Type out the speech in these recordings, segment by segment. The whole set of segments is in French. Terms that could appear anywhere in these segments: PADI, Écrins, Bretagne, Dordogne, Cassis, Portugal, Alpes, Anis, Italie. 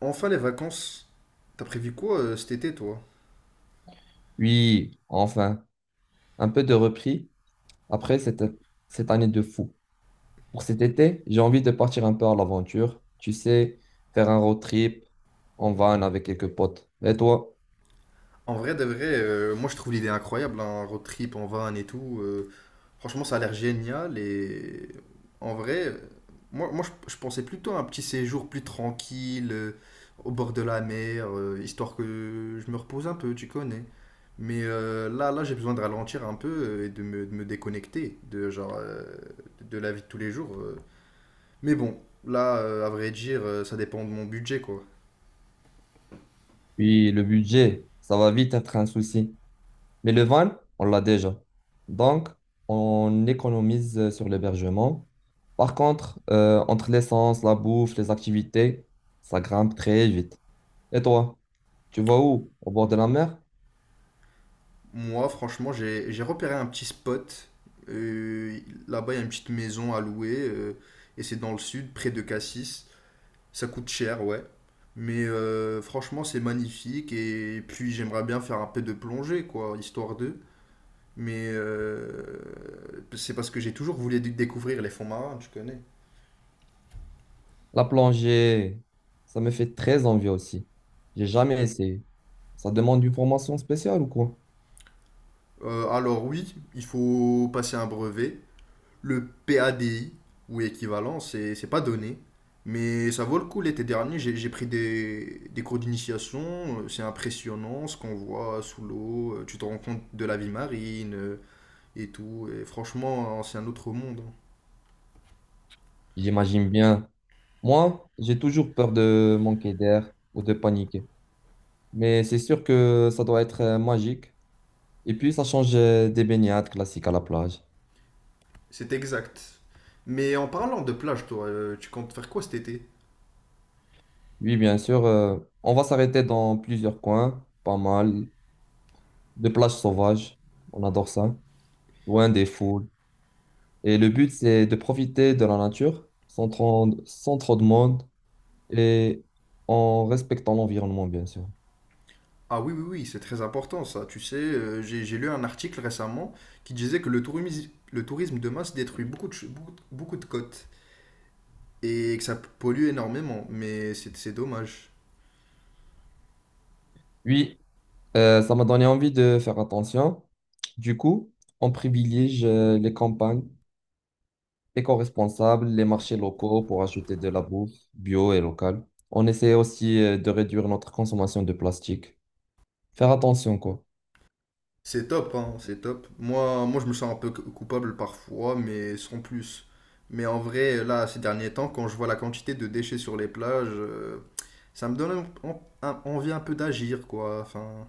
Enfin les vacances. T'as prévu quoi cet été toi? Oui, enfin, un peu de repris après cette, cette année de fou. Pour cet été, j'ai envie de partir un peu à l'aventure. Tu sais, faire un road trip en van avec quelques potes. Et toi? En vrai de vrai, moi je trouve l'idée incroyable, un road trip en van et tout. Franchement ça a l'air génial et en vrai, je pensais plutôt à un petit séjour plus tranquille, au bord de la mer, histoire que je me repose un peu, tu connais. Là j'ai besoin de ralentir un peu et de me déconnecter de, genre, de la vie de tous les jours. Mais bon, à vrai dire, ça dépend de mon budget quoi. Oui, le budget, ça va vite être un souci. Mais le van, on l'a déjà. Donc, on économise sur l'hébergement. Par contre, entre l'essence, la bouffe, les activités, ça grimpe très vite. Et toi? Tu vas où? Au bord de la mer? Moi, franchement, j'ai repéré un petit spot. Euh, Là-bas, il y a une petite maison à louer, et c'est dans le sud, près de Cassis. Ça coûte cher, ouais. Mais franchement, c'est magnifique. Et puis, j'aimerais bien faire un peu de plongée, quoi, histoire d'eux. Mais c'est parce que j'ai toujours voulu découvrir les fonds marins, tu connais. La plongée, ça me fait très envie aussi. J'ai jamais essayé. Ça demande une formation spéciale ou quoi? Alors oui, il faut passer un brevet. Le PADI ou équivalent, c'est pas donné. Mais ça vaut le coup. L'été dernier, j'ai pris des cours d'initiation, c'est impressionnant ce qu'on voit sous l'eau, tu te rends compte de la vie marine et tout, et franchement c'est un autre monde. Hein. J'imagine bien. Moi, j'ai toujours peur de manquer d'air ou de paniquer. Mais c'est sûr que ça doit être magique. Et puis, ça change des baignades classiques à la plage. C'est exact. Mais en parlant de plage, toi, tu comptes faire quoi cet été? Oui, bien sûr, on va s'arrêter dans plusieurs coins, pas mal, de plages sauvages. On adore ça, loin des foules. Et le but, c'est de profiter de la nature sans trop, sans trop de monde et en respectant l'environnement, bien sûr. Ah oui, oui, oui, c'est très important ça, tu sais, j'ai lu un article récemment qui disait que le tourisme de masse détruit beaucoup de beaucoup, beaucoup de côtes, et que ça pollue énormément, mais c'est dommage. Oui, ça m'a donné envie de faire attention. Du coup, on privilégie les campagnes éco-responsables, les marchés locaux pour acheter de la bouffe bio et locale. On essaie aussi de réduire notre consommation de plastique. Faire attention, quoi. C'est top, hein, c'est top. Moi, je me sens un peu coupable parfois, mais sans plus. Mais en vrai, là, ces derniers temps, quand je vois la quantité de déchets sur les plages, ça me donne envie un peu d'agir, quoi. Enfin,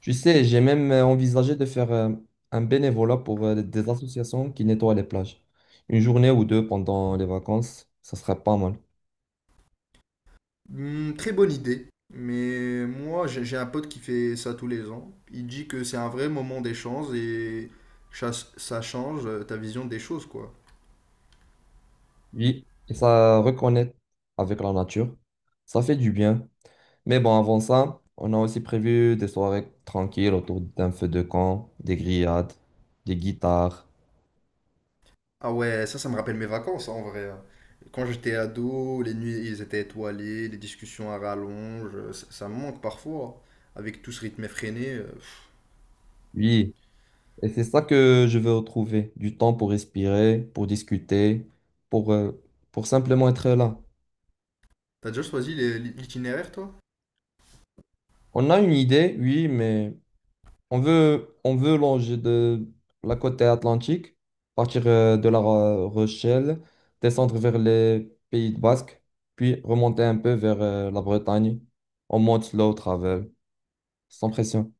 Tu sais, j'ai même envisagé de faire un bénévolat pour des associations qui nettoient les plages. Une journée ou deux pendant les vacances, ça serait pas mal. hmm, très bonne idée. Mais moi, j'ai un pote qui fait ça tous les ans. Il dit que c'est un vrai moment d'échange et ça change ta vision des choses, quoi. Oui, et ça reconnecte avec la nature. Ça fait du bien. Mais bon, avant ça, on a aussi prévu des soirées tranquilles autour d'un feu de camp, des grillades, des guitares. Ah ouais, ça me rappelle mes vacances, hein, en vrai. Hein. Quand j'étais ado, les nuits, ils étaient étoilés, les discussions à rallonge, ça me manque parfois, hein, avec tout ce rythme effréné. Pff. Oui, et c'est ça que je veux retrouver, du temps pour respirer, pour discuter, pour, euh, pour simplement être là. T'as déjà choisi l'itinéraire, toi? On a une idée, oui, mais on veut, on veut longer de la côte atlantique, partir de la Rochelle, descendre vers les Pays de Basque, puis remonter un peu vers la Bretagne. On monte slow travel, sans pression.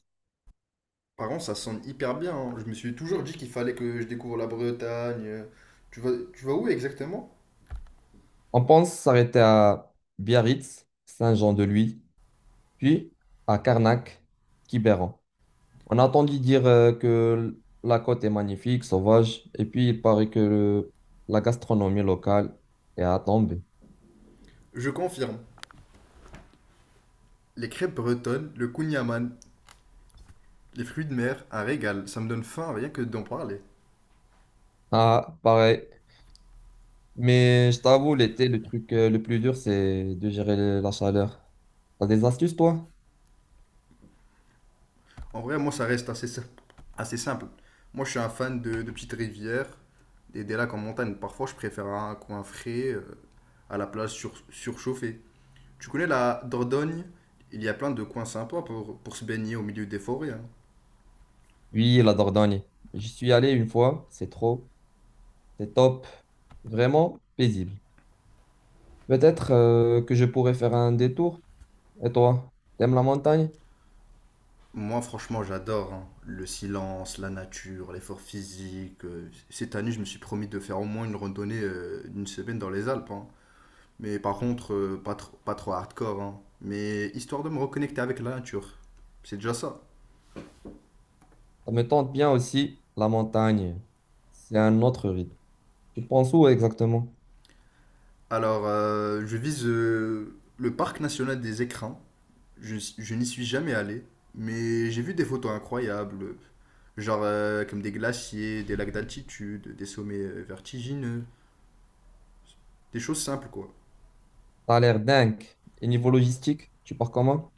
Par contre, ça sonne hyper bien, hein. Je me suis toujours dit qu'il fallait que je découvre la Bretagne. Tu vas où exactement? On pense s'arrêter à Biarritz, Saint-Jean-de-Luz, puis à Carnac, Quiberon. On a entendu dire que la côte est magnifique, sauvage, et puis il paraît que la gastronomie locale est à tomber. Je confirme. Les crêpes bretonnes, le kouign-amann, les fruits de mer, un régal. Ça me donne faim rien que d'en parler. Ah, pareil. Mais je t'avoue, l'été, le truc le plus dur, c'est de gérer la chaleur. T'as des astuces, toi? En vrai, moi, ça reste assez simple. Moi, je suis un fan de petites rivières, des lacs en montagne. Parfois, je préfère un coin frais à la plage surchauffée. Tu connais la Dordogne? Il y a plein de coins sympas pour se baigner au milieu des forêts. Hein. Oui, la Dordogne. J'y suis allé une fois, c'est trop, c'est top, vraiment paisible. Peut-être que je pourrais faire un détour. Et toi, t'aimes la montagne? Moi, franchement, j'adore hein. Le silence, la nature, l'effort physique. Cette année, je me suis promis de faire au moins une randonnée d'une semaine dans les Alpes. Hein. Mais par contre, pas trop hardcore. Hein. Mais histoire de me reconnecter avec la nature. C'est déjà ça. Ça me tente bien aussi, la montagne. C'est un autre rythme. Tu penses où exactement? Alors, je vise le parc national des Écrins. Je n'y suis jamais allé, mais j'ai vu des photos incroyables, genre comme des glaciers, des lacs d'altitude, des sommets vertigineux, des choses simples quoi. T'as l'air dingue. Et niveau logistique, tu pars comment?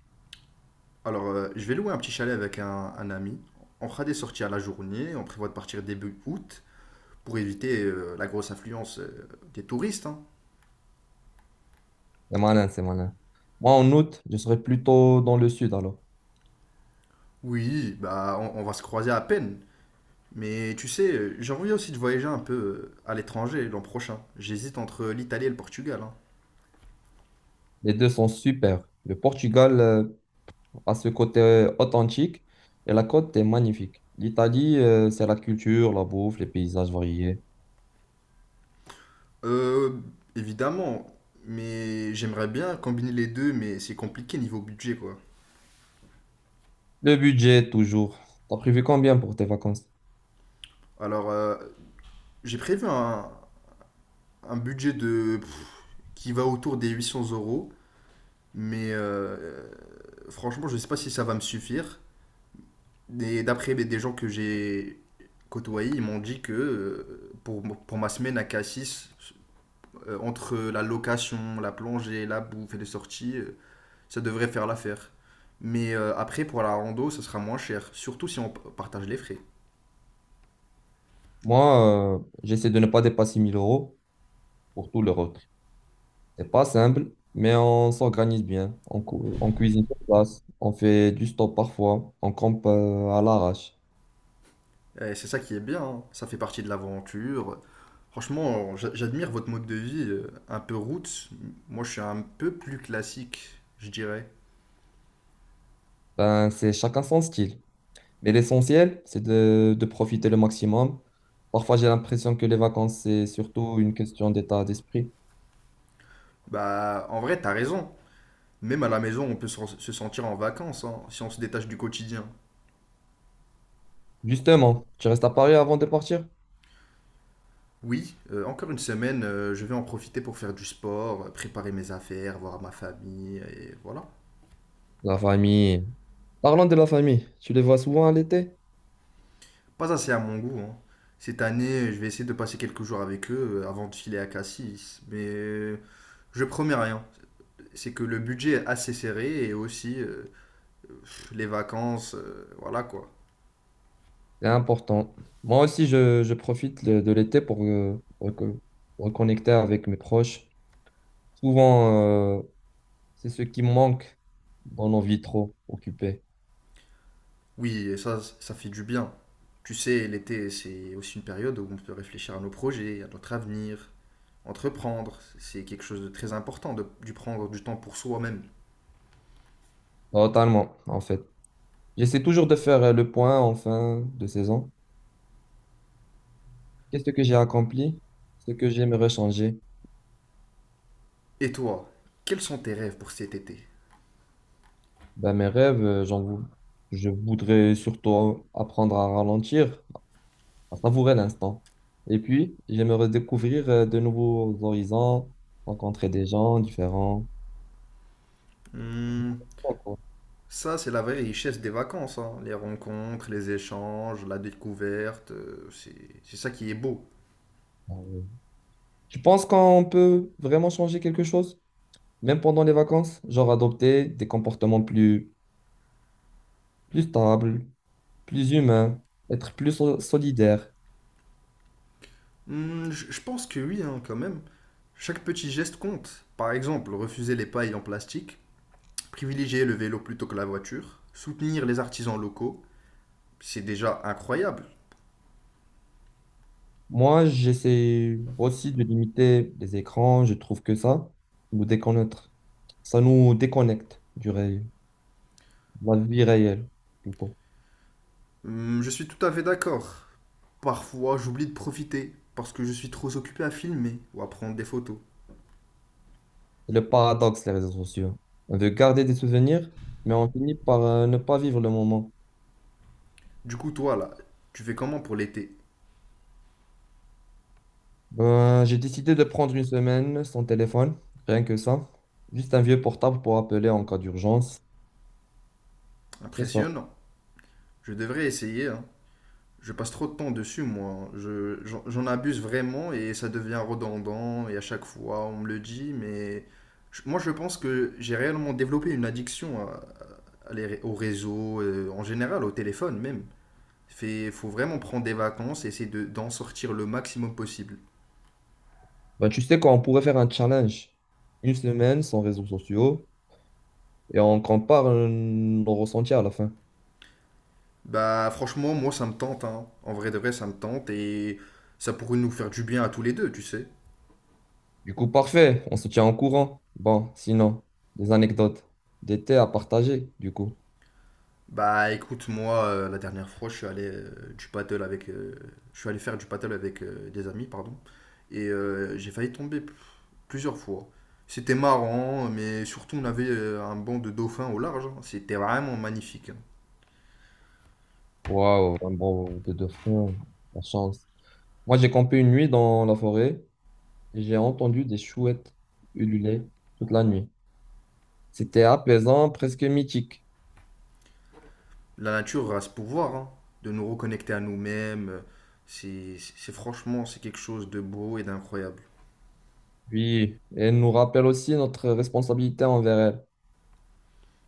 Alors, je vais louer un petit chalet avec un ami. On fera des sorties à la journée, on prévoit de partir début août pour éviter la grosse affluence des touristes. Hein. C'est malin, c'est malin. Moi, en août, je serai plutôt dans le sud alors. Oui, bah on va se croiser à peine. Mais tu sais, j'ai envie aussi de voyager un peu à l'étranger l'an prochain. J'hésite entre l'Italie et le Portugal. Hein. Les deux sont super. Le Portugal a ce côté authentique et la côte est magnifique. L'Italie, c'est la culture, la bouffe, les paysages variés. Euh, évidemment, mais j'aimerais bien combiner les deux, mais c'est compliqué niveau budget, quoi. Le budget, toujours. T'as prévu combien pour tes vacances? Alors, j'ai prévu un budget de qui va autour des 800 euros, mais franchement, je sais pas si ça va me suffire. Et d'après mais, des gens que j'ai côtoyés, ils m'ont dit que pour ma semaine à Cassis, entre la location, la plongée, la bouffe et les sorties, ça devrait faire l'affaire. Mais après, pour la rando, ça sera moins cher, surtout si on partage les frais. Moi, j'essaie de ne pas dépasser 1000 euros pour tout le road trip. C'est pas simple, mais on s'organise bien. On, on cuisine sur place, on fait du stop parfois, on campe à l'arrache. Et c'est ça qui est bien, hein. Ça fait partie de l'aventure. Franchement, j'admire votre mode de vie, un peu route. Moi, je suis un peu plus classique, je dirais. Ben, c'est chacun son style. Mais l'essentiel, c'est de profiter le maximum. Parfois, j'ai l'impression que les vacances, c'est surtout une question d'état d'esprit. Bah, en vrai, t'as raison. Même à la maison, on peut se sentir en vacances, hein, si on se détache du quotidien. Justement, tu restes à Paris avant de partir? Oui, encore une semaine, je vais en profiter pour faire du sport, préparer mes affaires, voir ma famille, et voilà. La famille. Parlons de la famille. Tu les vois souvent à l'été? Pas assez à mon goût, hein. Cette année, je vais essayer de passer quelques jours avec eux avant de filer à Cassis, mais je promets rien. C'est que le budget est assez serré et aussi les vacances, voilà quoi. C'est important. Moi aussi, je profite de l'été pour, reconnecter avec mes proches. Souvent, euh, c'est ce qui manque dans nos vies trop occupées. Oui, et ça fait du bien. Tu sais, l'été, c'est aussi une période où on peut réfléchir à nos projets, à notre avenir, entreprendre. C'est quelque chose de très important de, du prendre du temps pour soi-même. Totalement, en fait. J'essaie toujours de faire le point en fin de saison. Qu'est-ce que j'ai accompli? Ce que j'aimerais changer? Et toi, quels sont tes rêves pour cet été? Ben, mes rêves, je voudrais surtout apprendre à ralentir, à savourer l'instant. Et puis, j'aimerais découvrir de nouveaux horizons, rencontrer des gens différents. Hmm. Bon, quoi. Ça, c'est la vraie richesse des vacances, hein. Les rencontres, les échanges, la découverte, c'est ça qui est beau. Euh, Tu penses qu'on peut vraiment changer quelque chose, même pendant les vacances? Genre adopter des comportements plus stable, plus humain, être plus solidaire. Hmm, je pense que oui, hein, quand même. Chaque petit geste compte. Par exemple, refuser les pailles en plastique, privilégier le vélo plutôt que la voiture, soutenir les artisans locaux, c'est déjà incroyable. Moi, j'essaie aussi de limiter les écrans. Je trouve que ça nous déconnecte. Ça nous déconnecte du réel, de la vie réelle, plutôt. Hmm, je suis tout à fait d'accord. Parfois, j'oublie de profiter parce que je suis trop occupé à filmer ou à prendre des photos. C'est le paradoxe, les réseaux sociaux. On veut garder des souvenirs, mais on finit par ne pas vivre le moment. Du coup, toi, là, tu fais comment pour l'été? Ben, j'ai décidé de prendre une semaine sans téléphone, rien que ça. Juste un vieux portable pour appeler en cas d'urgence. C'est ça. Impressionnant. Je devrais essayer, hein. Je passe trop de temps dessus, moi. Hein. J'en abuse vraiment et ça devient redondant. Et à chaque fois, on me le dit, mais moi, je pense que j'ai réellement développé une addiction à au réseau, en général, au téléphone même. Fait, faut vraiment prendre des vacances et essayer d'en sortir le maximum possible. Bah, tu sais quoi, on pourrait faire un challenge. Une semaine sans réseaux sociaux et on compare nos ressentis à la fin. Bah, franchement, moi, ça me tente, hein. En vrai de vrai, ça me tente et ça pourrait nous faire du bien à tous les deux, tu sais. Du coup, parfait, on se tient en courant. Bon, sinon, des anecdotes, des thés à partager, du coup. Bah écoute, moi, la dernière fois, je suis allé faire du paddle avec des amis, pardon, et j'ai failli tomber plusieurs fois. C'était marrant, mais surtout on avait un banc de dauphins au large. Hein. C'était vraiment magnifique. Hein. Waouh, un bon de deux fronts, la chance. Moi, j'ai campé une nuit dans la forêt et j'ai entendu des chouettes ululer toute la nuit. C'était apaisant, presque mythique. La nature a ce pouvoir hein, de nous reconnecter à nous-mêmes. C'est Franchement, c'est quelque chose de beau et d'incroyable. Oui, et elle nous rappelle aussi notre responsabilité envers elles.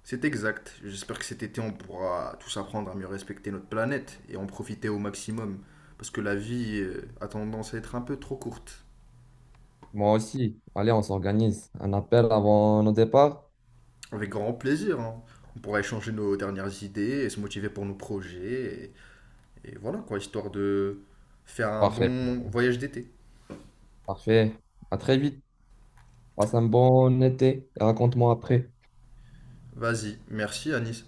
C'est exact. J'espère que cet été, on pourra tous apprendre à mieux respecter notre planète et en profiter au maximum. Parce que la vie a tendance à être un peu trop courte. Moi aussi. Allez, on s'organise. Un appel avant nos départs. Avec grand plaisir. Hein. On pourra échanger nos dernières idées et se motiver pour nos projets. Et voilà quoi, histoire de faire un Parfait. bon voyage d'été. Parfait. À très vite. Passe un bon été et raconte-moi après. Vas-y, merci Anis.